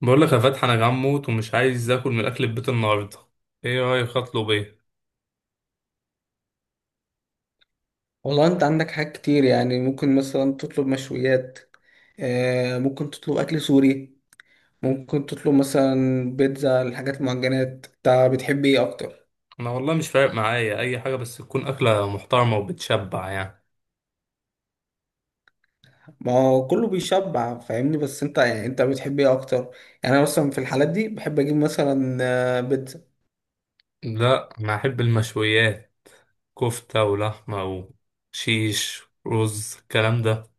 بقول لك يا فتحي، انا جعان موت ومش عايز اكل من اكل البيت النهارده. ايه رايك اطلب ايه؟ والله انت عندك حاجات كتير يعني ممكن مثلا تطلب مشويات. ممكن تطلب اكل سوري. ممكن تطلب مثلا بيتزا الحاجات المعجنات، انت بتحب ايه اكتر؟ انا والله مش فارق معايا اي حاجه بس تكون اكله محترمه وبتشبع يعني. ما هو كله بيشبع فاهمني، بس انت بتحب ايه اكتر؟ يعني انا مثلا في الحالات دي بحب اجيب مثلا بيتزا. لا انا احب المشويات. كفته ولحمه وشيش رز الكلام ده.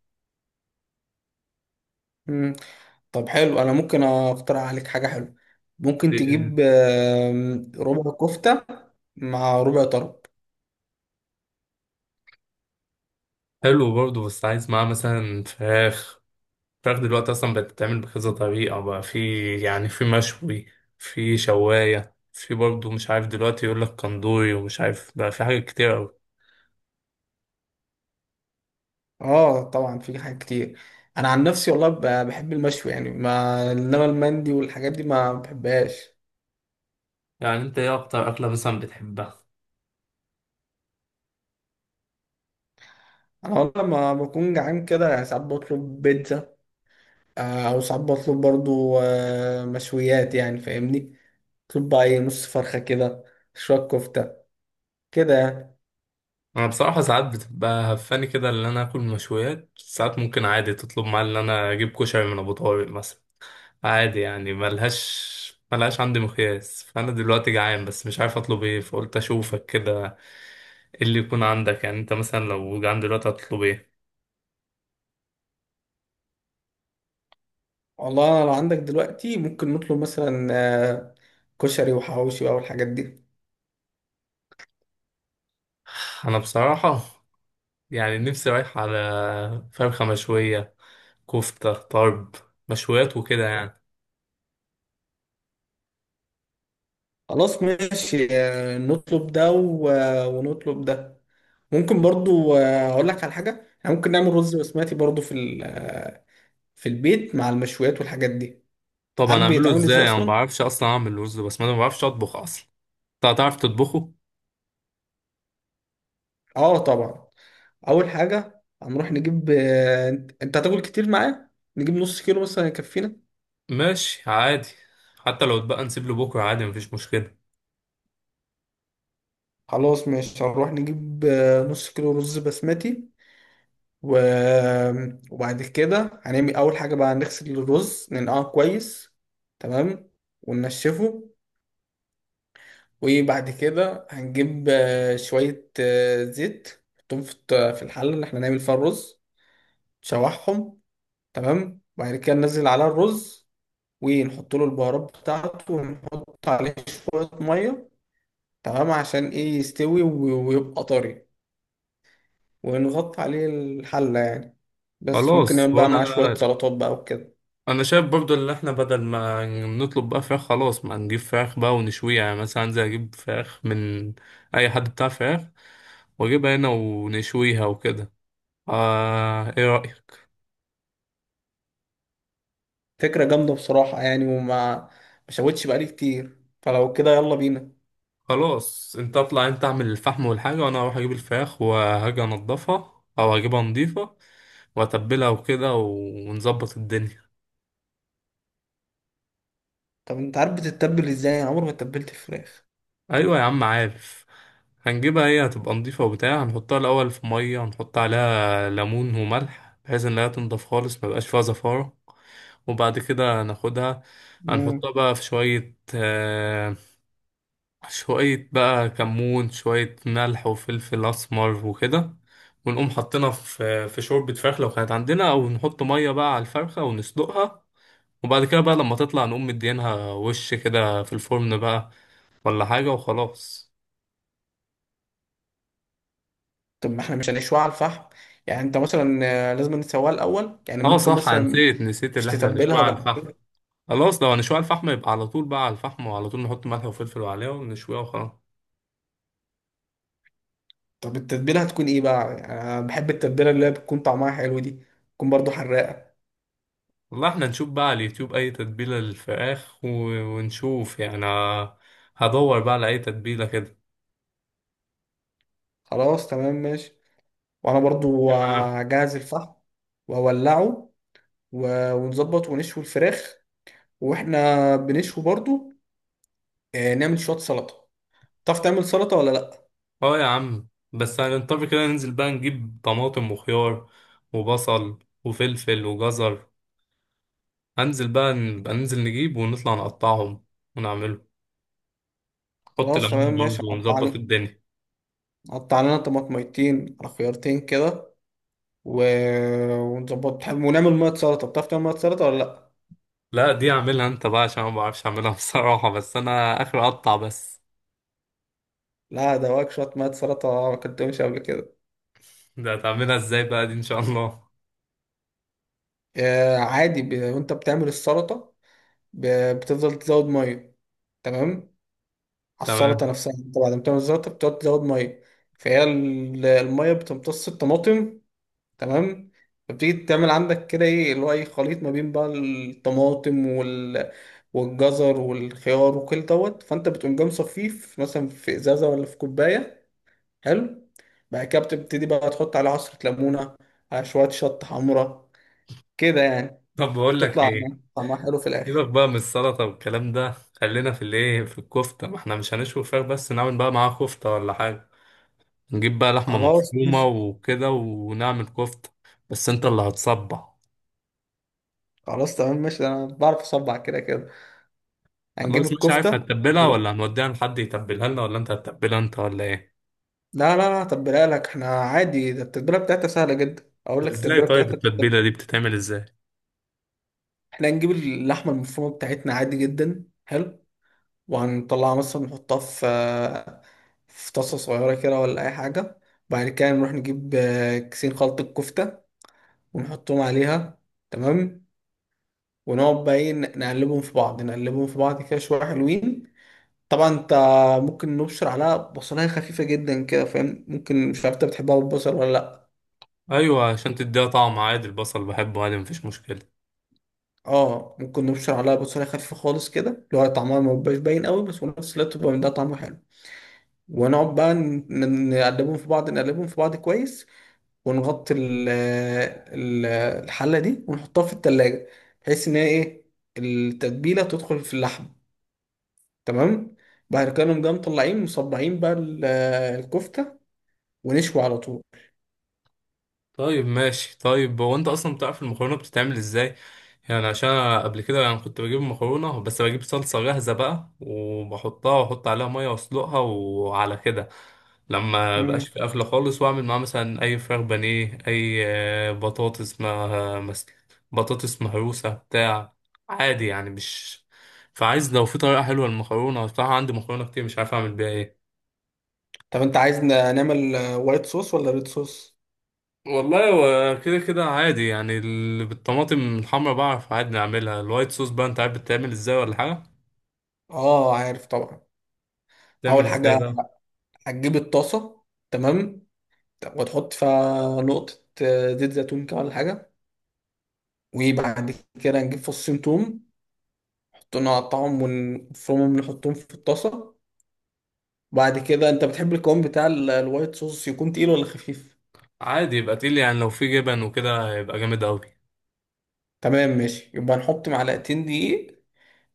مم. طب حلو، انا ممكن اقترح عليك حاجه حلوه. ممكن دي- تجيب ربع كفته مع ربع طرب. حلو برضه بس عايز معاه مثلا فراخ. الفراخ دلوقتي اصلا بقت بتتعمل بكذا طريقه بقى. في يعني في مشوي، في شوايه، في برضه مش عارف دلوقتي يقول لك كندوري ومش عارف بقى، في حاجات كتير أوي. اه طبعا في حاجات كتير. انا عن نفسي والله بحب المشوي يعني، ما انما المندي والحاجات دي ما بحبهاش. يعني انت ايه اكتر اكله مثلا بتحبها؟ انا والله لما بكون جعان كده يعني ساعات بطلب بيتزا، او ساعات بطلب برضو مشويات يعني فاهمني. بطلب بقى ايه، نص فرخه كده، شويه كفته، كده يعني. انا بصراحه ساعات بتبقى هفاني كده، اللي انا اكل مشويات ساعات ممكن عادي تطلب معايا اللي انا اجيب كشري من ابو طارق مثلا. عادي يعني ملهاش عندي مقياس. فانا دلوقتي جعان بس مش عارف اطلب ايه، فقلت اشوفك كده. ايه اللي يكون عندك يعني، انت مثلا لو جعان دلوقتي هتطلب ايه؟ والله انا لو عندك دلوقتي ممكن نطلب مثلا كشري وحواوشي بقى والحاجات دي. انا بصراحه يعني نفسي رايح على فرخه مشويه، كفته طرب، مشويات وكده يعني. خلاص ماشي، نطلب ده و ونطلب ده. ممكن برضو اقول لك على حاجه، احنا ممكن نعمل رز بسمتي برضو في في البيت مع المشويات والحاجات دي. عارف طبعا اعمله بيتعمل ازاي ازاي، انا ما اصلا؟ بعرفش اصلا اعمل رز، بس ما انا ما بعرفش اطبخ اصلا. انت هتعرف تطبخه؟ اه طبعا. اول حاجه هنروح نجيب آه، انت أنت هتاكل كتير معايا، نجيب نص كيلو مثلا يكفينا. ماشي عادي. حتى لو اتبقى نسيب له بكره عادي مفيش مشكله. خلاص ماشي، هنروح نجيب نص كيلو رز بسمتي و... وبعد كده هنعمل اول حاجه بقى، هنغسل الرز ننقعه كويس. تمام. وننشفه. وبعد كده هنجيب شوية زيت، نحطهم في في الحلة اللي احنا هنعمل فيها الرز، نشوحهم. تمام. وبعد كده ننزل على الرز، ونحط له البهارات بتاعته، ونحط عليه شوية مية. تمام، عشان ايه يستوي ويبقى طري، ونغطي عليه الحلة يعني. بس ممكن خلاص نعمل بقى وانا، معاه شوية سلطات بقى وكده. انا شايف برضو ان احنا بدل ما نطلب بقى فراخ، خلاص ما نجيب فراخ بقى ونشويها. يعني مثلا انزل اجيب فراخ من اي حد بتاع فراخ، واجيبها هنا ونشويها وكده. ايه رأيك؟ فكرة جامدة بصراحة يعني، وما مشوتش بقالي كتير، فلو كده يلا بينا. خلاص انت اطلع انت اعمل الفحم والحاجة، وانا اروح اجيب الفراخ وهاجي انضفها او اجيبها نضيفة واتبلها وكده ونظبط الدنيا. طب انت عارف بتتبل ازاي؟ انا عمري ما اتبلت الفراخ. ايوه يا عم عارف. هنجيبها هي هتبقى نضيفة وبتاع، هنحطها الاول في مية، هنحط عليها ليمون وملح بحيث ان هي تنضف خالص ميبقاش فيها زفارة. وبعد كده ناخدها، هنحطها بقى في شوية بقى كمون، شوية ملح وفلفل أسمر وكده. ونقوم حاطينها في شوربة فراخ لو كانت عندنا، أو نحط مية بقى على الفرخة ونسلقها. وبعد كده بقى لما تطلع نقوم مدينها وش كده في الفرن بقى، ولا حاجة وخلاص. طب ما احنا مش هنشوي على الفحم؟ يعني انت مثلا لازم نسويها الاول يعني اه ممكن صح، أنا مثلا نسيت مش اللي احنا تتبلها نشويها على وبعد الفحم. كده. خلاص لو هنشويها على الفحم يبقى على طول بقى على الفحم، وعلى طول نحط ملح وفلفل عليها ونشويها وخلاص. طب التتبيله هتكون ايه بقى؟ يعني انا بحب التتبيله اللي هي بتكون طعمها حلو دي، تكون برضو حراقه. والله احنا نشوف بقى على اليوتيوب أي تتبيلة للفراخ، ونشوف يعني، هدور بقى على أي تتبيلة كده. خلاص تمام ماشي. وانا برضو هجهز الفحم واولعه ونظبط ونشوي الفراخ، واحنا بنشوي برضو نعمل شويه سلطه. تعرف تعمل سلطه ولا لا؟ اه يا عم، بس هنضطر كده ننزل بقى نجيب طماطم وخيار وبصل وفلفل وجزر. هنزل بقى، نبقى ننزل نجيب ونطلع نقطعهم ونعمله. حط خلاص ليمون تمام ماشي، برضه قطع ونظبط لنا. الدنيا. قطع لنا طماطميتين على خيارتين كده و... ونظبط ونعمل ميه سلطه. بتعرف تعمل ميه سلطه ولا لا؟ لا دي اعملها انت بقى عشان أنا ما بعرفش اعملها بصراحة، بس انا اخر اقطع بس. لا، ده واك شويه ميه سلطه، ما كنتهمش قبل كده. ده هتعملها ازاي بقى دي ان شاء الله؟ آه عادي. وانت بتعمل السلطه، ب... بتفضل تزود ميه. تمام. على السلطه تمام. نفسها، انت بعد ما تعمل السلطه بتقعد تزود ميه. فهي الميه بتمتص الطماطم. تمام. فبتيجي تعمل عندك كده ايه اللي هو ايه، خليط ما بين بقى الطماطم والجزر والخيار وكل دوت، فانت بتقوم جاي مصفيه مثلا في ازازه ولا في كوبايه. حلو. بعد كده بتبتدي بقى تحط عليه عصرة ليمونة، على شوية شطة حمرا كده يعني، طب بقول لك تطلع ايه، طعمها حلو في الآخر. سيبك بقى من السلطة والكلام ده. خلينا في في الكفتة، ما احنا مش هنشوي فراخ بس، نعمل بقى معاها كفتة ولا حاجة. نجيب بقى لحمة خلاص مفرومة ماشي. وكده ونعمل كفتة. بس انت اللي هتصبع. خلاص تمام ماشي، ده أنا بعرف أصبع كده كده. هنجيب خلاص مش عارف الكفتة. هتتبلها لا. ولا هنوديها لحد يتبلها لنا، ولا انت هتتبلها انت، ولا ايه؟ لا، تبلها لك احنا عادي، ده التتبيلة بتاعتها سهلة جدا. أقول لك ازاي التتبيلة طيب؟ بتاعتها بتتبل. التتبيلة دي بتتعمل ازاي؟ احنا هنجيب اللحمة المفرومة بتاعتنا عادي جدا، حلو، وهنطلعها مثلا نحطها في في طاسة صغيرة كده ولا أي حاجة. بعد كده نروح نجيب كيسين خلطة كفتة ونحطهم عليها. تمام. ونقعد بقى ايه، نقلبهم في بعض، نقلبهم في بعض كده شويه حلوين. طبعا انت ممكن نبشر عليها بصلايه خفيفه جدا كده فاهم، ممكن مش عارف انت بتحبها بالبصل ولا لا. ايوه عشان تديها طعم. عادي البصل بحبه عادي مفيش مشكلة. اه ممكن نبشر عليها بصلايه خفيفه خالص كده، اللي هو طعمها ما بيبقاش باين قوي، بس في نفس الوقت بيبقى من ده طعمه حلو. ونقعد بقى نقلبهم في بعض، نقلبهم في بعض كويس، ونغطي ال- الحله دي ونحطها في التلاجة، بحيث ان هي ايه، التتبيله تدخل في اللحم. تمام. بعد كده نقوم جاي مطلعين مصبعين بقى الكفتة، ونشوي على طول. طيب ماشي. طيب هو انت اصلا بتعرف المكرونه بتتعمل ازاي؟ يعني عشان انا قبل كده يعني كنت بجيب مكرونه، بس بجيب صلصه جاهزه بقى وبحطها واحط عليها ميه واسلقها وعلى كده. لما بقاش مم. في قفله خالص، واعمل معاها مثلا اي فراخ بانيه، اي بطاطس ما مس- بطاطس مهروسه بتاع. عادي يعني مش، فعايز لو في طريقه حلوه للمكرونه بصراحه، عندي مكرونه كتير مش عارف اعمل بيها إيه. طب انت عايز نعمل وايت صوص ولا ريد صوص؟ والله هو كده كده عادي يعني، بالطماطم الحمرا بعرف عادي نعملها. الوايت صوص بقى انت عارف بتتعمل ازاي ولا حاجة؟ اه عارف طبعا. بتعمل اول ازاي حاجة بقى؟ هتجيب الطاسة. تمام. وتحط فيها نقطة زيت زيتون كده ولا حاجة. وبعد كده نجيب فصين توم، نحطهم نقطعهم ونفرمهم، نحطهم في الطاسة. بعد كده انت بتحب القوام بتاع الوايت صوص يكون تقيل ولا خفيف؟ عادي، يبقى تقيل يعني، لو في جبن وكده يبقى جامد قوي. تمام ماشي، يبقى نحط معلقتين دقيق،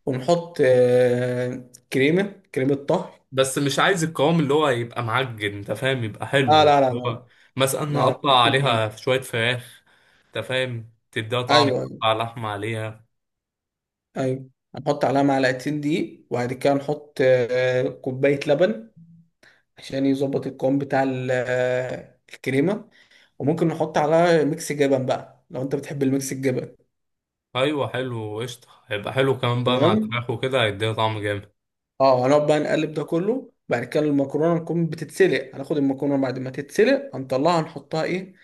ونحط كريمة، كريمة طهي. بس مش عايز القوام اللي هو يبقى معجن، انت فاهم، يبقى اه حلو اللي لا. هو. مثلا انا لا، اقطع بيكون عجب. عليها شوية فراخ. انت فاهم تديها طعم. ايوه ايوه. اقطع لحمة عليها. ايوه هنحط عليها معلقتين دقيق، وبعد كده نحط كوباية لبن، عشان يظبط القوام بتاع الكريمة. وممكن نحط عليها ميكس جبن بقى لو انت بتحب الميكس الجبن. ايوه حلو قشطة، هيبقى حلو كمان بقى مع تمام. الفراخ وكده، هيديها طعم جامد. اه هنقعد بقى نقلب ده كله، بعد كده المكرونة نكون بتتسلق، هناخد المكرونة بعد ما تتسلق هنطلعها نحطها ايه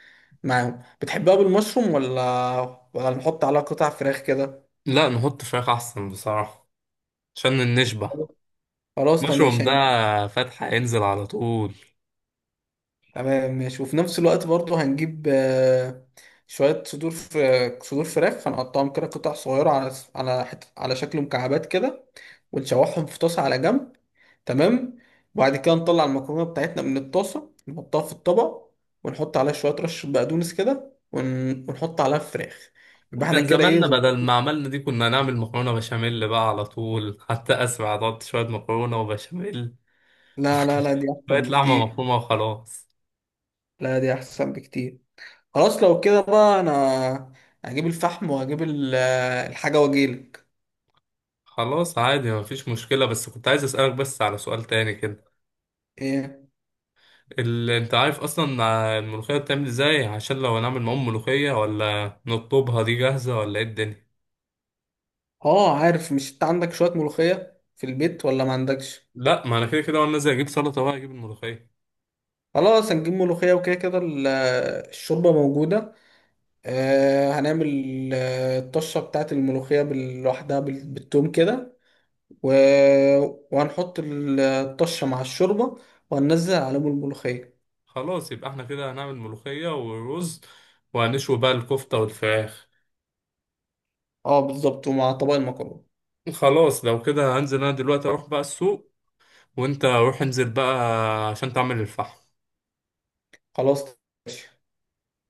معاهم. بتحبها بالمشروم ولا ولا نحط عليها قطع فراخ كده؟ لا نحط فراخ احسن بصراحة، عشان نشبع. خلاص تمام مشروم ماشي. ده فتح هينزل على طول. تمام ماشي. وفي نفس الوقت برضه هنجيب شوية صدور، صدور فراخ، هنقطعهم كده قطع صغيرة على على على شكل مكعبات كده، ونشوحهم في طاسة على جنب. تمام. وبعد كده نطلع المكرونة بتاعتنا من الطاسة نحطها في الطبق، ونحط عليها شوية رشة بقدونس كده ونحط عليها الفراخ. يبقى احنا كان كده ايه، زماننا بدل ظبطنا. ما عملنا دي كنا نعمل مكرونة بشاميل بقى على طول، حتى أسرع، ضبط شوية مكرونة وبشاميل لا لا لا، دي شوية أحسن لحمة بكتير. مفرومة وخلاص. لا دي أحسن بكتير. خلاص لو كده بقى، انا هجيب الفحم وهجيب الحاجة واجيلك. خلاص عادي مفيش مشكلة، بس كنت عايز أسألك بس على سؤال تاني كده. ايه؟ اللي أنت عارف أصلا الملوخية بتعمل إزاي، عشان لو هنعمل معاهم ملوخية، ولا نطلبها دي جاهزة، ولا إيه الدنيا؟ اه عارف. مش انت عندك شوية ملوخية في البيت ولا ما عندكش؟ لأ، ما أنا كده كده وأنا نازل أجيب سلطة بقى أجيب الملوخية. خلاص هنجيب ملوخية، وكده كده الشوربة موجودة. آه هنعمل الطشة بتاعت الملوخية لوحدها بالتوم كده و... وهنحط الطشة مع الشوربة، وهننزل عليهم الملوخية. خلاص يبقى احنا كده هنعمل ملوخية ورز، وهنشوي بقى الكفتة والفراخ. اه بالظبط، ومع طبق المكرونة. خلاص لو كده هنزل انا دلوقتي اروح بقى السوق، وانت روح انزل بقى عشان تعمل الفحم. خلاص.